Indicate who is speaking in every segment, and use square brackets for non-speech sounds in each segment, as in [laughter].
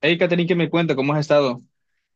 Speaker 1: Hey, Catherine, ¿qué me cuenta? ¿Cómo has estado?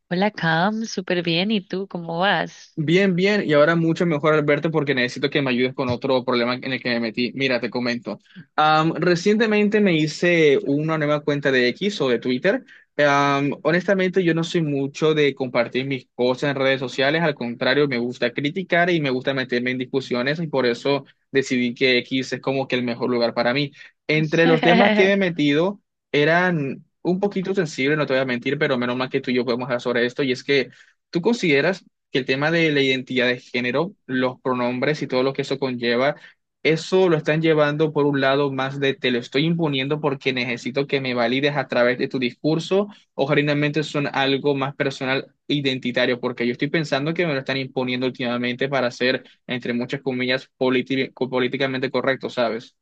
Speaker 2: Hola, Cam, súper bien. ¿Y tú cómo vas?
Speaker 1: Bien, bien, y ahora mucho mejor, Alberto, porque necesito que me ayudes con otro problema en el que me metí. Mira, te comento. Recientemente me hice una nueva cuenta de X o de Twitter. Honestamente, yo no soy mucho de compartir mis cosas en redes sociales. Al contrario, me gusta criticar y me gusta meterme en discusiones, y por eso decidí que X es como que el mejor lugar para mí. Entre los temas que me
Speaker 2: [laughs]
Speaker 1: he metido eran un poquito sensibles, no te voy a mentir, pero menos mal que tú y yo podemos hablar sobre esto, y es que. ¿Tú consideras que el tema de la identidad de género, los pronombres y todo lo que eso conlleva, eso lo están llevando por un lado más de te lo estoy imponiendo porque necesito que me valides a través de tu discurso, o generalmente son algo más personal, e identitario, porque yo estoy pensando que me lo están imponiendo últimamente para ser, entre muchas comillas, políticamente correcto, ¿sabes?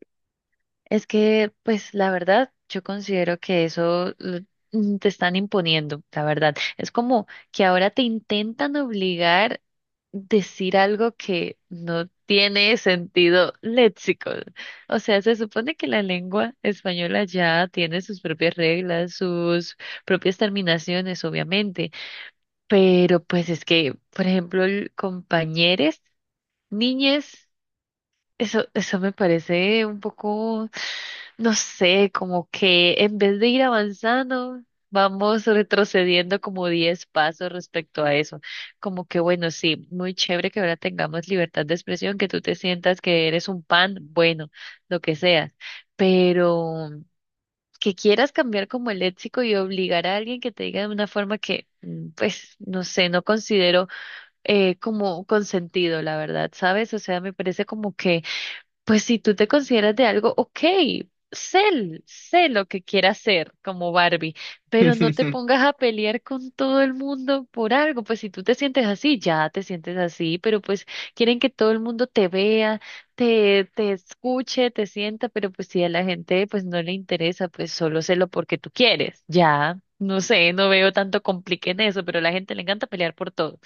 Speaker 2: Es que, pues, la verdad, yo considero que eso te están imponiendo, la verdad. Es como que ahora te intentan obligar decir algo que no tiene sentido léxico. O sea, se supone que la lengua española ya tiene sus propias reglas, sus propias terminaciones, obviamente. Pero, pues, es que, por ejemplo, el compañeres, niñes. Eso me parece un poco, no sé, como que en vez de ir avanzando, vamos retrocediendo como 10 pasos respecto a eso. Como que, bueno, sí, muy chévere que ahora tengamos libertad de expresión, que tú te sientas que eres un pan, bueno, lo que seas, pero que quieras cambiar como el léxico y obligar a alguien que te diga de una forma que, pues, no sé, no considero como consentido, la verdad, ¿sabes? O sea, me parece como que pues si tú te consideras de algo, ok, sé, sé lo que quieras ser como Barbie, pero no te
Speaker 1: [laughs]
Speaker 2: pongas a pelear con todo el mundo por algo. Pues si tú te sientes así, ya te sientes así, pero pues quieren que todo el mundo te vea, te escuche, te sienta, pero pues si a la gente pues no le interesa, pues solo sélo porque tú quieres. Ya, no sé, no veo tanto complique en eso, pero a la gente le encanta pelear por todo.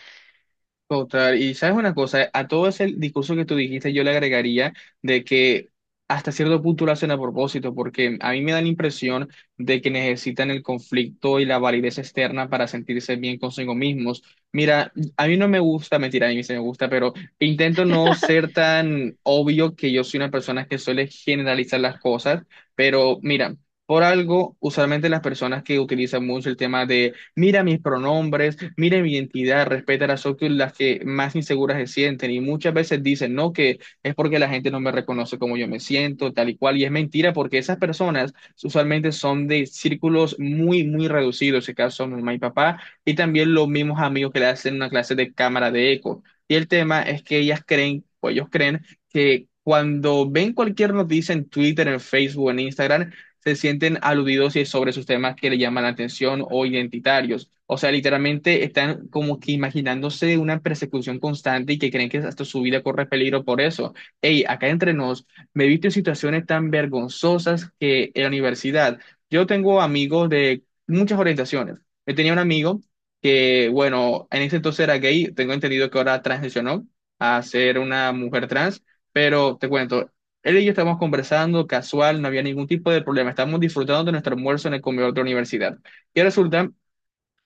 Speaker 1: Total, y sabes una cosa, a todo ese discurso que tú dijiste, yo le agregaría de que hasta cierto punto lo hacen a propósito, porque a mí me da la impresión de que necesitan el conflicto y la validez externa para sentirse bien consigo mismos. Mira, a mí no me gusta, mentira, a mí sí me gusta, pero intento no ser tan obvio que yo soy una persona que suele generalizar las cosas, pero mira. Por algo, usualmente las personas que utilizan mucho el tema de mira mis pronombres, mira mi identidad, respeta las otras las que más inseguras se sienten y muchas veces dicen, no, que es porque la gente no me reconoce como yo me siento, tal y cual, y es mentira porque esas personas usualmente son de círculos muy, muy reducidos, en este caso mi mamá y papá, y también los mismos amigos que le hacen una clase de cámara de eco. Y el tema es que ellas creen, o ellos creen, que cuando ven cualquier noticia en Twitter, en Facebook, en Instagram, se sienten aludidos y sobre sus temas que le llaman la atención o identitarios. O sea, literalmente están como que imaginándose una persecución constante y que creen que hasta su vida corre peligro por eso. Hey, acá entre nos, me he visto en situaciones tan vergonzosas que en la universidad. Yo tengo amigos de muchas orientaciones. Yo tenía un amigo que, bueno, en ese entonces era gay, tengo entendido que ahora transicionó a ser una mujer trans, pero te cuento, él y yo estábamos conversando casual, no había ningún tipo de problema. Estábamos disfrutando de nuestro almuerzo en el comedor de la universidad. Y resulta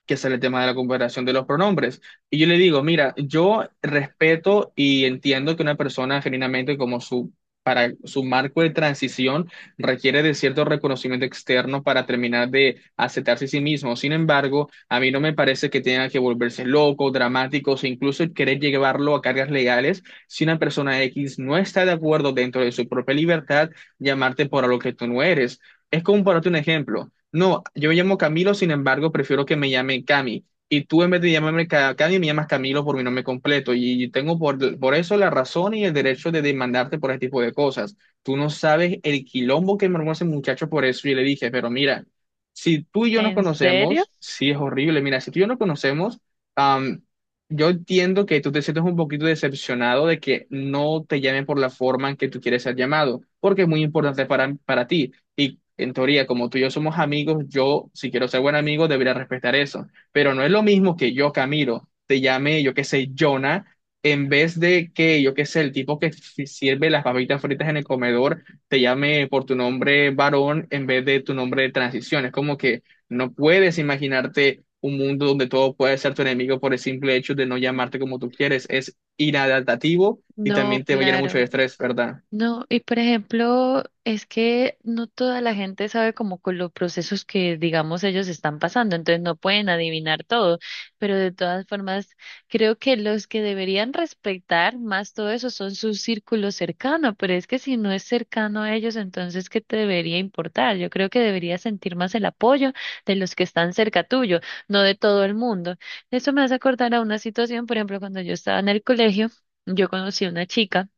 Speaker 1: que sale el tema de la comparación de los pronombres. Y yo le digo, mira, yo respeto y entiendo que una persona genuinamente como su, para su marco de transición requiere de cierto reconocimiento externo para terminar de aceptarse a sí mismo. Sin embargo, a mí no me parece que tenga que volverse loco, dramático, o incluso querer llevarlo a cargas legales si una persona X no está de acuerdo dentro de su propia libertad llamarte por algo que tú no eres. Es como para darte un ejemplo. No, yo me llamo Camilo, sin embargo, prefiero que me llame Cami. Y tú en vez de llamarme Cami, me llamas Camilo por mi nombre completo. Y tengo por eso la razón y el derecho de demandarte por ese tipo de cosas. Tú no sabes el quilombo que me armó ese muchacho por eso. Y le dije, pero mira, si tú y yo nos
Speaker 2: ¿En serio?
Speaker 1: conocemos, sí es horrible. Mira, si tú y yo nos conocemos, am, yo entiendo que tú te sientes un poquito decepcionado de que no te llamen por la forma en que tú quieres ser llamado, porque es muy importante para ti. Y en teoría, como tú y yo somos amigos, yo, si quiero ser buen amigo, debería respetar eso. Pero no es lo mismo que yo, Camilo, te llame, yo qué sé, Jonah, en vez de que, yo qué sé, el tipo que sirve las papitas fritas en el comedor, te llame por tu nombre varón en vez de tu nombre de transición. Es como que no puedes imaginarte un mundo donde todo puede ser tu enemigo por el simple hecho de no llamarte como tú quieres. Es inadaptativo y
Speaker 2: No,
Speaker 1: también te va a llenar mucho de
Speaker 2: claro.
Speaker 1: estrés, ¿verdad?
Speaker 2: No, y por ejemplo, es que no toda la gente sabe como con los procesos que, digamos, ellos están pasando, entonces no pueden adivinar todo, pero de todas formas, creo que los que deberían respetar más todo eso son su círculo cercano, pero es que si no es cercano a ellos, entonces, ¿qué te debería importar? Yo creo que deberías sentir más el apoyo de los que están cerca tuyo, no de todo el mundo. Eso me hace acordar a una situación, por ejemplo, cuando yo estaba en el colegio, yo conocí a una chica.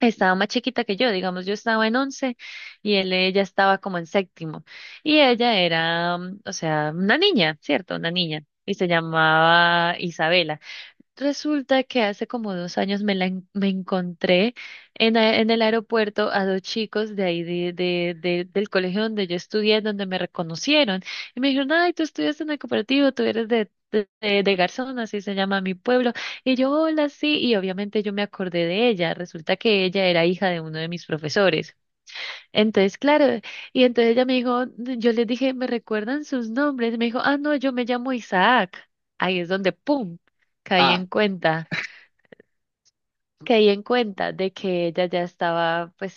Speaker 2: Estaba más chiquita que yo, digamos, yo estaba en 11 y ella estaba como en séptimo. Y ella era, o sea, una niña, ¿cierto? Una niña. Y se llamaba Isabela. Resulta que hace como 2 años me encontré en el aeropuerto a dos chicos de ahí del colegio donde yo estudié, donde me reconocieron. Y me dijeron, ay, tú estudias en el cooperativo, tú eres de Garzón, así se llama mi pueblo. Y yo, hola, sí. Y obviamente yo me acordé de ella. Resulta que ella era hija de uno de mis profesores. Entonces, claro, y entonces ella me dijo, yo les dije, ¿me recuerdan sus nombres? Y me dijo, ah, no, yo me llamo Isaac. Ahí es donde, ¡pum!, caí
Speaker 1: Ah.
Speaker 2: en cuenta caí en cuenta de que ella ya estaba, pues,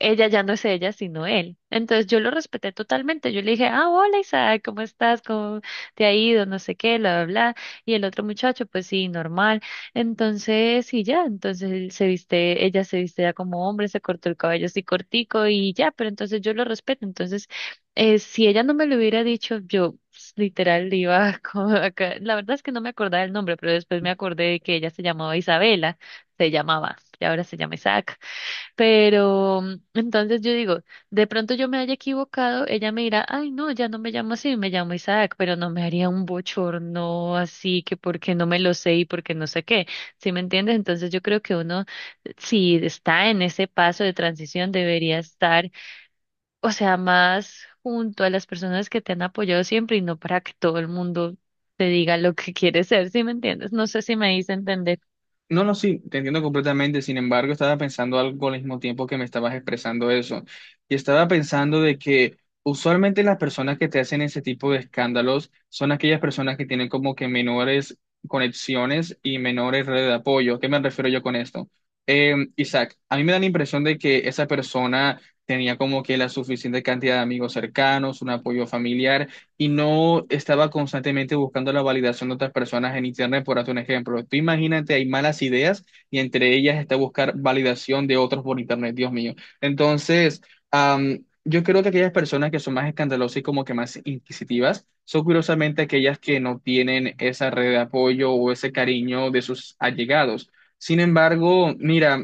Speaker 2: ella ya no es ella, sino él. Entonces yo lo respeté totalmente. Yo le dije, ah, hola Isaac, ¿cómo estás? ¿Cómo te ha ido? No sé qué, bla, bla, bla. Y el otro muchacho, pues sí, normal. Entonces, y ya, entonces él se viste, ella se viste ya como hombre, se cortó el cabello así cortico y ya, pero entonces yo lo respeto. Entonces, si ella no me lo hubiera dicho, yo pues, literal, iba [laughs] como acá. La verdad es que no me acordaba el nombre, pero después me acordé de que ella se llamaba Isabela se llamaba, y ahora se llama Isaac. Pero entonces yo digo, de pronto yo me haya equivocado, ella me dirá, ay, no, ya no me llamo así, me llamo Isaac, pero no me haría un bochorno así que porque no me lo sé y porque no sé qué, ¿sí me entiendes? Entonces yo creo que uno, si está en ese paso de transición, debería estar, o sea, más junto a las personas que te han apoyado siempre y no para que todo el mundo te diga lo que [laughs] quieres ser, ¿sí me entiendes? No sé si me hice entender.
Speaker 1: No, no, sí, te entiendo completamente. Sin embargo, estaba pensando algo al mismo tiempo que me estabas expresando eso. Y estaba pensando de que usualmente las personas que te hacen ese tipo de escándalos son aquellas personas que tienen como que menores conexiones y menores redes de apoyo. ¿Qué me refiero yo con esto? Isaac, a mí me da la impresión de que esa persona tenía como que la suficiente cantidad de amigos cercanos, un apoyo familiar y no estaba constantemente buscando la validación de otras personas en Internet, por hacer un ejemplo. Tú imagínate, hay malas ideas y entre ellas está buscar validación de otros por Internet, Dios mío. Entonces, yo creo que aquellas personas que son más escandalosas y como que más inquisitivas, son curiosamente aquellas que no tienen esa red de apoyo o ese cariño de sus allegados. Sin embargo, mira,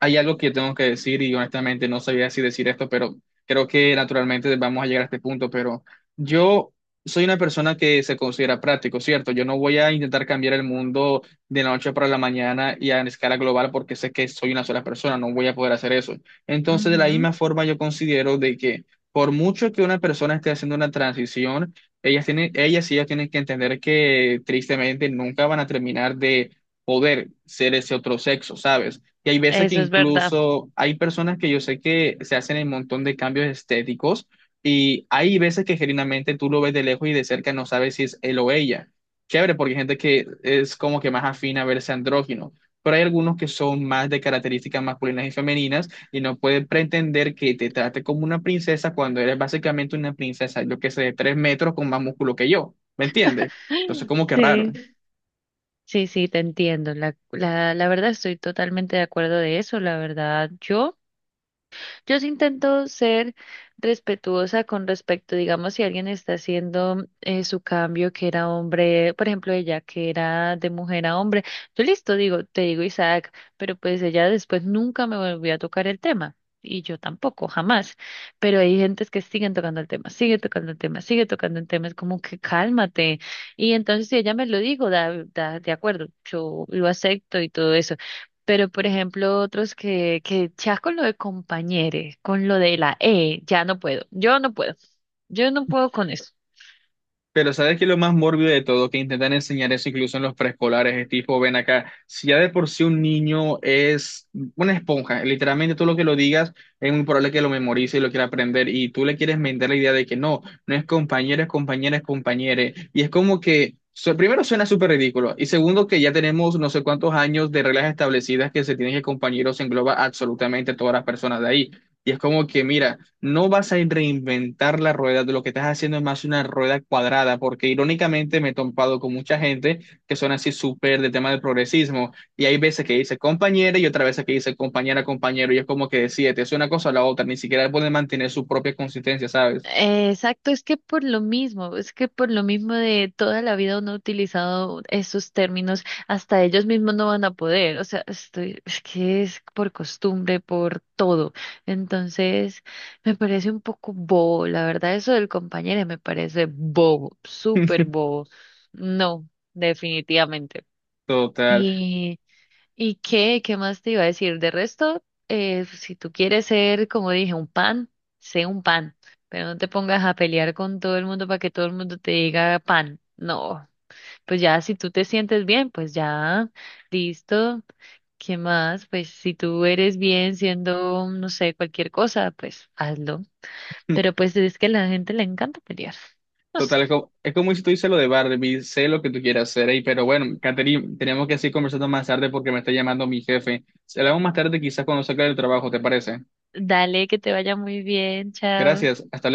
Speaker 1: hay algo que tengo que decir y honestamente no sabía si decir esto, pero creo que naturalmente vamos a llegar a este punto, pero yo soy una persona que se considera práctico, ¿cierto? Yo no voy a intentar cambiar el mundo de la noche para la mañana y a escala global porque sé que soy una sola persona, no voy a poder hacer eso. Entonces, de la
Speaker 2: Ujú.
Speaker 1: misma forma, yo considero de que por mucho que una persona esté haciendo una transición, ellas tienen, ellas y ellos tienen que entender que tristemente nunca van a terminar de poder ser ese otro sexo, ¿sabes? Y hay veces que
Speaker 2: Eso es verdad.
Speaker 1: incluso hay personas que yo sé que se hacen un montón de cambios estéticos y hay veces que genuinamente tú lo ves de lejos y de cerca no sabes si es él o ella. Chévere, porque hay gente que es como que más afina a verse andrógino, pero hay algunos que son más de características masculinas y femeninas y no puedes pretender que te trate como una princesa cuando eres básicamente una princesa, yo que sé, de tres metros con más músculo que yo. ¿Me entiendes? Entonces, como que raro.
Speaker 2: Sí, sí, sí, te entiendo. La verdad estoy totalmente de acuerdo de eso. La verdad, yo. Yo sí intento ser respetuosa con respecto, digamos, si alguien está haciendo su cambio, que era hombre, por ejemplo, ella que era de mujer a hombre, yo listo, digo, te digo Isaac, pero pues ella después nunca me volvió a tocar el tema. Y yo tampoco, jamás. Pero hay gentes que siguen tocando el tema, sigue tocando el tema, sigue tocando el tema. Es como que cálmate. Y entonces si ella me lo digo, de acuerdo, yo lo acepto y todo eso, pero, por ejemplo, otros que, ya con lo de compañeros, con lo de la E, ya no puedo. Yo no puedo. Yo no puedo con eso.
Speaker 1: Pero ¿sabes qué es lo más mórbido de todo? Que intentan enseñar eso incluso en los preescolares, es tipo, ven acá, si ya de por sí un niño es una esponja, literalmente todo lo que lo digas es muy probable que lo memorice y lo quiera aprender, y tú le quieres vender la idea de que no, no es compañero, es compañera, es compañere, y es como que, primero suena súper ridículo, y segundo que ya tenemos no sé cuántos años de reglas establecidas que se tienen que compañeros engloba absolutamente a todas las personas de ahí, y es como que, mira. No vas a reinventar la rueda, lo que estás haciendo es más una rueda cuadrada, porque irónicamente me he topado con mucha gente que son así súper de tema del progresismo, y hay veces que dice compañera y otra veces que dice compañera, compañero, y es como que decide, te es una cosa o la otra, ni siquiera pueden mantener su propia consistencia, ¿sabes?
Speaker 2: Exacto, es que por lo mismo, es que por lo mismo de toda la vida uno ha utilizado esos términos, hasta ellos mismos no van a poder. O sea, estoy, es que es por costumbre, por todo. Entonces, me parece un poco bobo. La verdad, eso del compañero me parece bobo, súper bobo. No, definitivamente.
Speaker 1: Total.
Speaker 2: ¿Y, qué, más te iba a decir? De resto, pues, si tú quieres ser, como dije, un pan, sé un pan, pero no te pongas a pelear con todo el mundo para que todo el mundo te diga pan. No, pues ya si tú te sientes bien, pues ya, listo. ¿Qué más? Pues si tú eres bien siendo, no sé, cualquier cosa, pues hazlo. Pero
Speaker 1: [laughs]
Speaker 2: pues es que a la gente le encanta pelear. No
Speaker 1: Total,
Speaker 2: sé.
Speaker 1: es como si tú dices lo de Barbie, sé lo que tú quieras hacer, ahí, pero bueno, Catherine, tenemos que seguir conversando más tarde porque me está llamando mi jefe. Se hablamos más tarde, quizás cuando salga del trabajo, ¿te parece?
Speaker 2: Dale, que te vaya muy bien. Chao.
Speaker 1: Gracias, hasta luego.